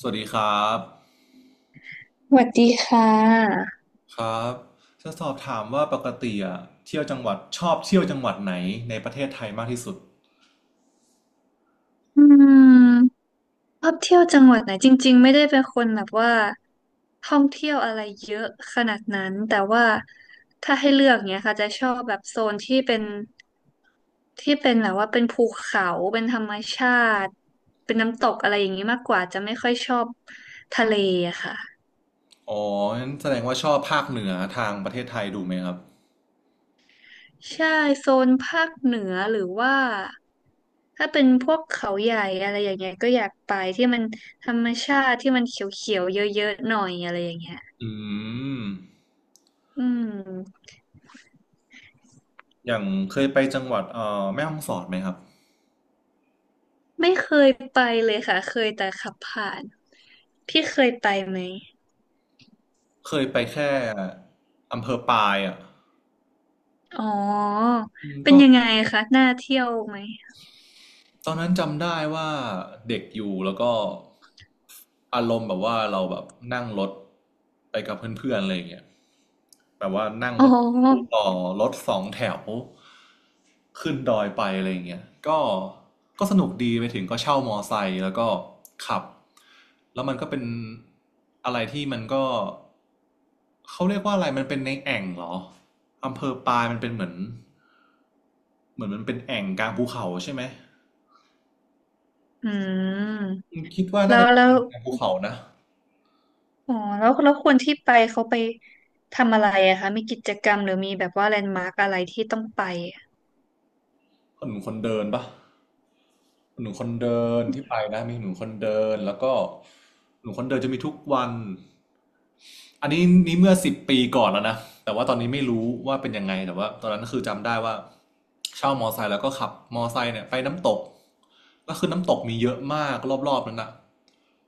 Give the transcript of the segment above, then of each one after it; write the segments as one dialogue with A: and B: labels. A: สวัสดีครับ
B: สวัสดีค่ะ
A: ครับจะสอบถามว่าปกติอะเที่ยวจังหวัดชอบเที่ยวจังหวัดไหนในประเทศไทยมากที่สุด
B: อืมชอบเที่ยวจังหวัดไหนจริงๆไม่ได้เป็นคนแบบว่าท่องเที่ยวอะไรเยอะขนาดนั้นแต่ว่าถ้าให้เลือกเนี้ยค่ะจะชอบแบบโซนที่เป็นแบบว่าเป็นภูเขาเป็นธรรมชาติเป็นน้ำตกอะไรอย่างนี้มากกว่าจะไม่ค่อยชอบทะเลอะค่ะ
A: อ๋องั้นแสดงว่าชอบภาคเหนือทางประเทศไทยดูไหมครับ
B: ใช่โซนภาคเหนือหรือว่าถ้าเป็นพวกเขาใหญ่อะไรอย่างเงี้ยก็อยากไปที่มันธรรมชาติที่มันเขียวๆเยอะๆหน่อยอะไรอย่างเงี้ย
A: อืม
B: อืม
A: อย่างเคยไปจังหวัดแม่ฮ่องสอดไหมครับ
B: ไม่เคยไปเลยค่ะเคยแต่ขับผ่านพี่เคยไปไหม
A: เคยไปแค่อำเภอปายอ่ะ
B: อ๋อ
A: อืม
B: เป็นยังไงคะน่าเที่ยวไหม
A: ตอนนั้นจำได้ว่าเด็กอยู่แล้วก็อารมณ์แบบว่าเราแบบนั่งรถไปกับเพื่อนๆอะไรอย่างเงี้ย แบบว่านั่ง
B: อ๋
A: รถตู้
B: อ
A: ต่อรถสองแถวขึ้นดอยไปอะไรอย่างเงี้ยก็ก็สนุกดีไปถึงก็เช่ามอไซค์แล้วก็ขับแล้วมันก็เป็นอะไรที่มันก็เขาเรียกว่าอะไรมันเป็นในแอ่งเหรออำเภอปายมันเป็นเหมือนมันเป็นแอ่งกลางภูเขาใช่ไหม
B: อืม
A: คิดว่า
B: แล้
A: น่า
B: ว
A: จะเป็
B: แล้
A: น
B: ว
A: แอ่งกลางภูเขานะ
B: อ๋อแล้วคนที่ไปเขาไปทำอะไรอะคะมีกิจกรรมหรือมีแบบว่าแลนด์มาร์กอะไรที่ต้องไปอะ
A: หนหนมคนเดินปะหนหนมคนเดินที่ไปนะมีหน่มคนเดินแล้วก็หน่มคนเดินจะมีทุกวันอันนี้นี่เมื่อสิบปีก่อนแล้วนะแต่ว่าตอนนี้ไม่รู้ว่าเป็นยังไงแต่ว่าตอนนั้นคือจำได้ว่าเช่ามอไซค์แล้วก็ขับมอไซค์เนี่ยไปน้ำตกก็คือน้ำตกมีเยอะมากรอบๆนั้นนะ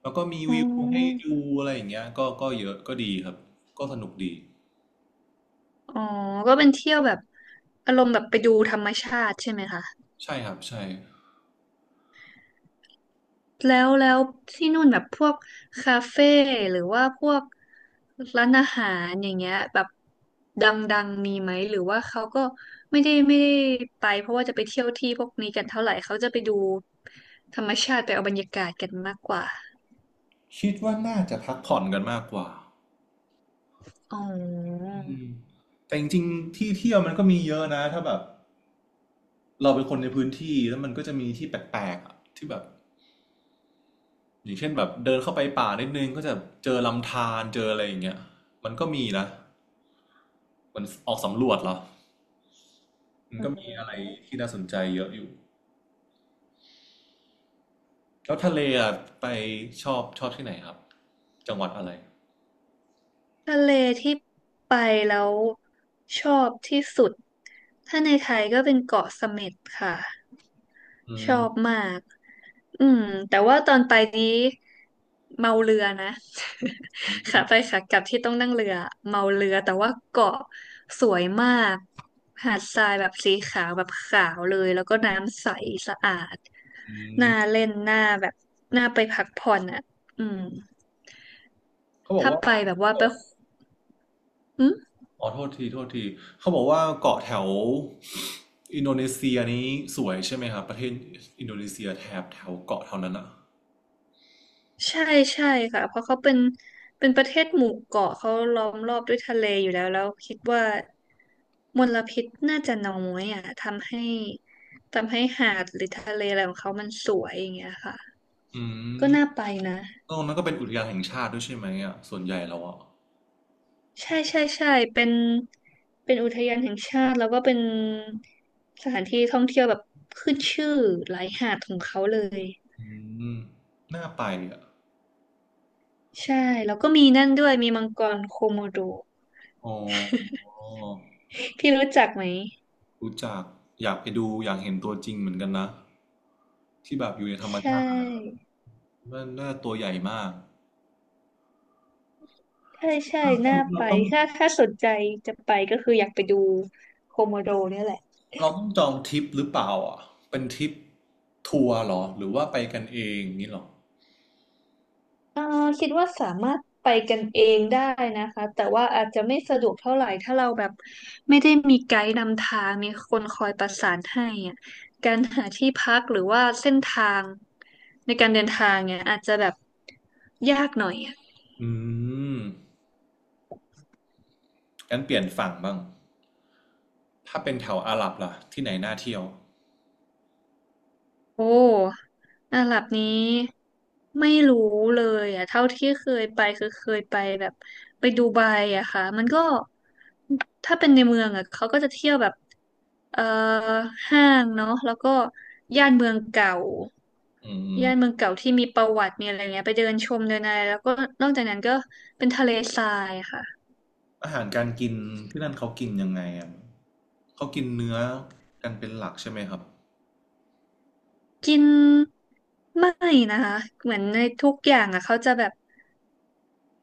A: แล้วก็มี
B: อ๋อ
A: วิวให้ดูอะไรอย่างเงี้ยก็เยอะก็ดีครับก็สนุกดี
B: อ๋อก็เป็นเที่ยวแบบอารมณ์แบบไปดูธรรมชาติใช่ไหมคะ
A: ใช่ครับใช่
B: แล้วที่นู่นแบบพวกคาเฟ่หรือว่าพวกร้านอาหารอย่างเงี้ยแบบดังๆมีไหมหรือว่าเขาก็ไม่ได้ไปเพราะว่าจะไปเที่ยวที่พวกนี้กันเท่าไหร่เขาจะไปดูธรรมชาติไปเอาบรรยากาศกันมากกว่า
A: คิดว่าน่าจะพักผ่อนกันมากกว่า
B: อ๋อ
A: อืมแต่จริงๆที่เที่ยวมันก็มีเยอะนะถ้าแบบเราเป็นคนในพื้นที่แล้วมันก็จะมีที่แปลกๆอะที่แบบอย่างเช่นแบบเดินเข้าไปป่านิดนึงก็จะเจอลำธารเจออะไรอย่างเงี้ยมันก็มีนะมันออกสำรวจเหรอมันก็มีอะไรที่น่าสนใจเยอะอยู่แล้วทะเลอะไปชอบที่ไหนครับจังหวัดอะไร
B: ทะเลที่ไปแล้วชอบที่สุดถ้าในไทยก็เป็นเกาะเสม็ดค่ะ
A: อื
B: ช
A: ม
B: อบมากอืมแต่ว่าตอนไปนี้เมาเรือนะ ขาไปขากลับที่ต้องนั่งเรือเมาเรือแต่ว่าเกาะสวยมากหาดทรายแบบสีขาวแบบขาวเลยแล้วก็น้ำใสสะอาด
A: อืม
B: น่าเล่นน่าแบบน่าไปพักผ่อนอ่ะอืม
A: เขาบอก
B: ถ้า
A: ว่า
B: ไปแบบว่าไปอืม
A: อ๋อโทษทีโทษทีเขาบอกว่าเกาะแถวอินโดนีเซียนี้สวยใช่ไหมครับประเทศอินโดนีเซียแถบแถวเกาะแถวนั้นอ่ะ
B: ใช่ใช่ค่ะเพราะเขาเป็นเป็นประเทศหมู่เกาะเขาล้อมรอบด้วยทะเลอยู่แล้วแล้วคิดว่ามลพิษน่าจะน้อยอ่ะทำให้หาดหรือทะเลอะไรของเขามันสวยอย่างเงี้ยค่ะ
A: อื
B: ก็
A: ม
B: น่าไปนะ
A: ตรงนั้นก็เป็นอุทยานแห่งชาติด้วยใช่ไหมอ่ะส่วนใหญ่แล้วอ่ะ
B: ใช่ใช่ใช่เป็นเป็นอุทยานแห่งชาติแล้วก็เป็นสถานที่ท่องเที่ยวแบบขึ้นชื่อหลายหาดของเขาเลย
A: อืมน่าไปอ่ะ
B: ใช่แล้วก็มีนั่นด้วยมีมังกรโคโมโด
A: อ๋อ
B: พี่รู้จักไหม
A: รู้จักอยากไปดูอยากเห็นตัวจริงเหมือนกันนะที่แบบอยู่ในธรรม
B: ใช
A: ชาติ
B: ่
A: มันน่าตัวใหญ่มาก
B: ใช่ใช่น่าไป
A: เราต้อง
B: ถ้าถ้าสนใจจะไปก็คืออยากไปดูโคโมโดเนี่ยแหละ
A: เราต้องจองทริปหรือเปล่าอ่ะเป็นทริปทัวร์เหรอหรือว่าไปกันเองนี่หรอ
B: เอ่อคิดว่าสามารถไปกันเองได้นะคะ แต่ว่าอาจจะไม่สะดวกเท่าไหร่ถ้าเราแบบไม่ได้มีไกด์นำทางมีคนคอยประสานให้อะการหาที่พักหรือว่าเส้นทางในการเดินทางเนี่ยอาจจะแบบยากหน่อย
A: อืมงั้นเปลี่ยนฝั่งบ้าง ถ้าเป็นแถวอาหรับล่ะที่ไหนน่าเที่ยว
B: โอ้อาหรับนี้ไม่รู้เลยอ่ะเท่าที่เคยไปคือเคยไปแบบไปดูไบอะค่ะมันก็ถ้าเป็นในเมืองอะเขาก็จะเที่ยวแบบเอ่อห้างเนาะแล้วก็ย่านเมืองเก่า
A: อืม
B: ย่านเมืองเก่าที่มีประวัติมีอะไรเงี้ยไปเดินชมเดินอะไรแล้วก็นอกจากนั้นก็เป็นทะเลทรายค่ะ
A: อาหารการกินที่นั่นเขากินยังไงอ่ะเขากินเนื้อกันเป็นหลักใช่ไหมครับ
B: กินไม่นะคะเหมือนในทุกอย่างอ่ะเขาจะแบบ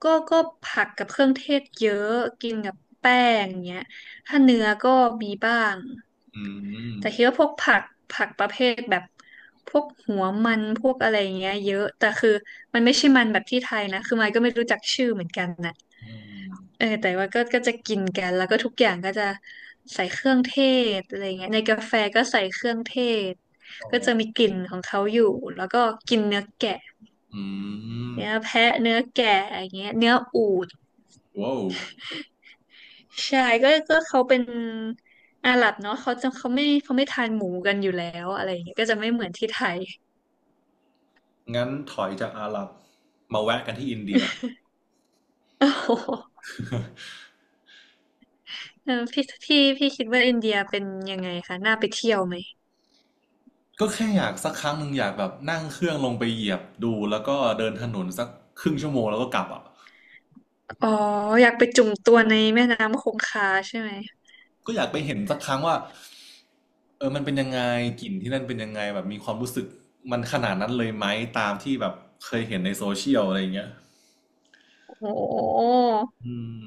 B: ก็ผักกับเครื่องเทศเยอะกินกับแป้งเงี้ยถ้าเนื้อก็มีบ้าง
A: อืม
B: แต่คิดว่าพวกผักผักประเภทแบบพวกหัวมันพวกอะไรเงี้ยเยอะแต่คือมันไม่ใช่มันแบบที่ไทยนะคือมายก็ไม่รู้จักชื่อเหมือนกันนะ
A: อืม
B: เออแต่ว่าก็จะกินกันแล้วก็ทุกอย่างก็จะใส่เครื่องเทศอะไรเงี้ยในกาแฟก็ใส่เครื่องเทศ
A: โอ้
B: ก็จะมีกลิ่นของเขาอยู่แล้วก็กินเนื้อแกะ
A: อืม
B: เนื้อแพะเนื้อแกะอย่างเงี้ยเนื้ออูฐ
A: ว้าว
B: ใช่ก็เขาเป็นอาหรับเนาะเขาจะเขาไม่ทานหมูกันอยู่แล้วอะไรเงี้ยก็จะไม่เหมือนที่ไทย
A: งั้นถอยจากอาหรับมาแวะกันที่อินเดีย
B: โอ้โหเออพี่คิดว่าอินเดียเป็นยังไงคะน่าไปเที่ยวไหม
A: ก็แค่อยากสักครั้งหนึ่งอยากแบบนั่งเครื่องลงไปเหยียบดูแล้วก็เดินถนนสักครึ่งชั่วโมงแล้วก็กลับอ่ะ
B: อ๋ออยากไปจุ่มตัวในแม่น้ำคงคาใช่ไหม
A: ก็อยากไปเห็นสักครั้งว่าเออมันเป็นยังไงกลิ่นที่นั่นเป็นยังไงแบบมีความรู้สึกมันขนาดนั้นเลยไหมตามที่แบบเคยเห็นในโซเชียลอะไรอย่างเงี้ย
B: โอ้
A: อืม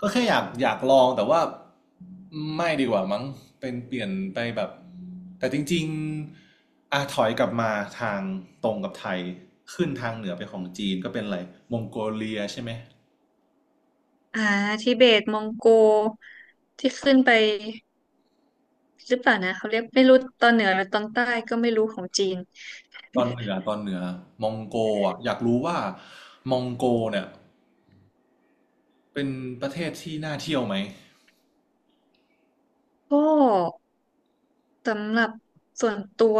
A: ก็แค่อยากลองแต่ว่าไม่ดีกว่ามั้งเป็นเปลี่ยนไปแบบแต่จริงๆอ่ะถอยกลับมาทางตรงกับไทยขึ้นทางเหนือไปของจีนก็เป็นอะไรมองโกเลียใช่ไหม
B: อ่าทิเบตมองโกที่ขึ้นไปหรือเปล่านะเขาเรียกไม่รู้ตอนเหนือหรือตอนใต้ก็ไม่รู้ของจีน
A: ตอนเหนือมองโกอ่ะอยากรู้ว่ามองโกเนี่ย เป็นประเทศที่น่าเที่ยวไหม
B: ก็สำหรับส่วนตัว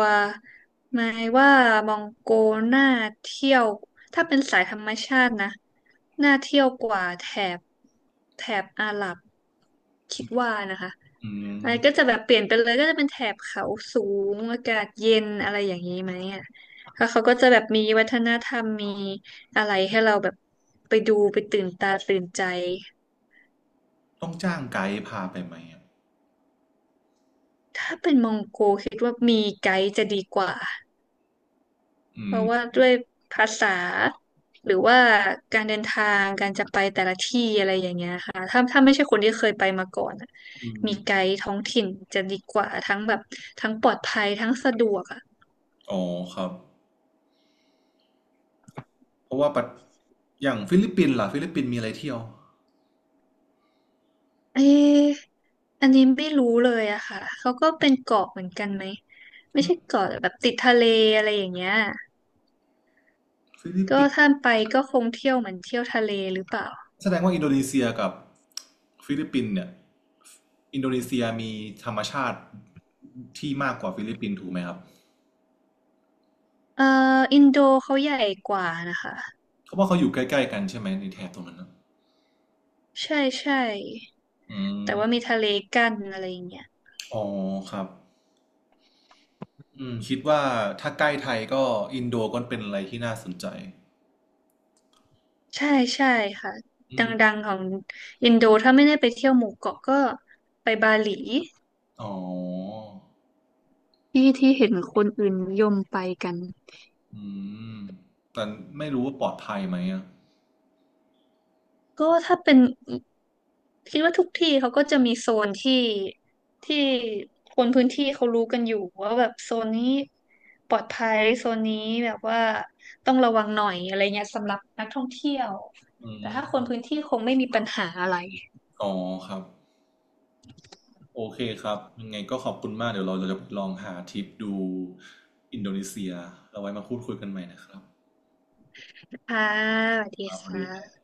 B: หมายว่ามองโกน่าเที่ยวถ้าเป็นสายธรรมชาตินะน่าเที่ยวกว่าบแถบอาหรับคิดว่านะคะ
A: อื
B: อะไร
A: ม
B: ก็จะแบบเปลี่ยนไปเลยก็จะเป็นแถบเขาสูงอากาศเย็นอะไรอย่างนี้ไหมอ่ะแล้วเขาก็จะแบบมีวัฒนธรรมมีอะไรให้เราแบบไปดูไปตื่นตาตื่นใจ
A: ต้องจ้างไกด์พาไปไหมอะ
B: ถ้าเป็นมองโกคิดว่ามีไกด์จะดีกว่า
A: อื
B: เพ
A: ม
B: ราะว่าด้วยภาษาหรือว่าการเดินทางการจะไปแต่ละที่อะไรอย่างเงี้ยค่ะถ้าไม่ใช่คนที่เคยไปมาก่อนอะ
A: อื
B: มี
A: ม
B: ไกด์ท้องถิ่นจะดีกว่าทั้งแบบทั้งปลอดภัยทั้งสะดวกอะ
A: อ๋อครับเพราะว่าปัดอย่างฟิลิปปินส์ล่ะฟิลิปปินส์มีอะไรเที่ยว
B: เอ๊ะอันนี้ไม่รู้เลยอะค่ะเขาก็เป็นเกาะเหมือนกันไหม ไม่
A: อื
B: ใช่
A: ม
B: เกาะแต่แบบติดทะเลอะไรอย่างเงี้ย
A: ฟิลิป
B: ก็
A: ปินส์
B: ถ้าไปก็คงเที่ยวเหมือนเที่ยวทะเลหรือเปล่า
A: แสดงว่าอินโดนีเซียกับฟิลิปปินส์เนี่ยอินโดนีเซียมีธรรมชาติที่มากกว่าฟิลิปปินส์ถูกไหมครับ
B: เอ่ออินโดเขาใหญ่กว่านะคะ
A: เพราะว่าเขาอยู่ใกล้ๆกันใช่ไหมในแถบตรงนั้นนะ
B: ใช่ใช่
A: อื
B: แต่
A: ม
B: ว่ามีทะเลกั้นอะไรอย่างเงี้ย
A: อ๋อครับอืมคิดว่าถ้าใกล้ไทยก็อินโดก็เป็นอะไรที่น่าสนใจ
B: ใช่ใช่ค่ะ
A: อื
B: ด
A: ม
B: ังๆของอินโดถ้าไม่ได้ไปเที่ยวหมู่เกาะก็ไปบาหลี
A: อ๋อ
B: ที่ที่เห็นคนอื่นนิยมไปกัน
A: อืมแต่ไม่รู้ว่าปลอดภัยไหมอ่ะ
B: ก็ถ้าเป็นคิดว่าทุกที่เขาก็จะมีโซนที่คนพื้นที่เขารู้กันอยู่ว่าแบบโซนนี้ปลอดภัยโซนนี้แบบว่าต้องระวังหน่อยอะไรเงี้ยสำหรับนักท่องเที่ยว
A: อื
B: แต่
A: ม
B: ถ้าคนพื้นที่คงไม่มีปัญหาอะไร
A: อ๋อครับ โอเคครับ ยังไงก็ขอบคุณมากเดี๋ยวเราจะลองหาทริปดูอินโดนีเซียเราไว้มาพูดคุยกันใหม่นะครับ
B: ค่ะสวัสดี
A: ครับส
B: ค
A: วัสดี
B: ่ะ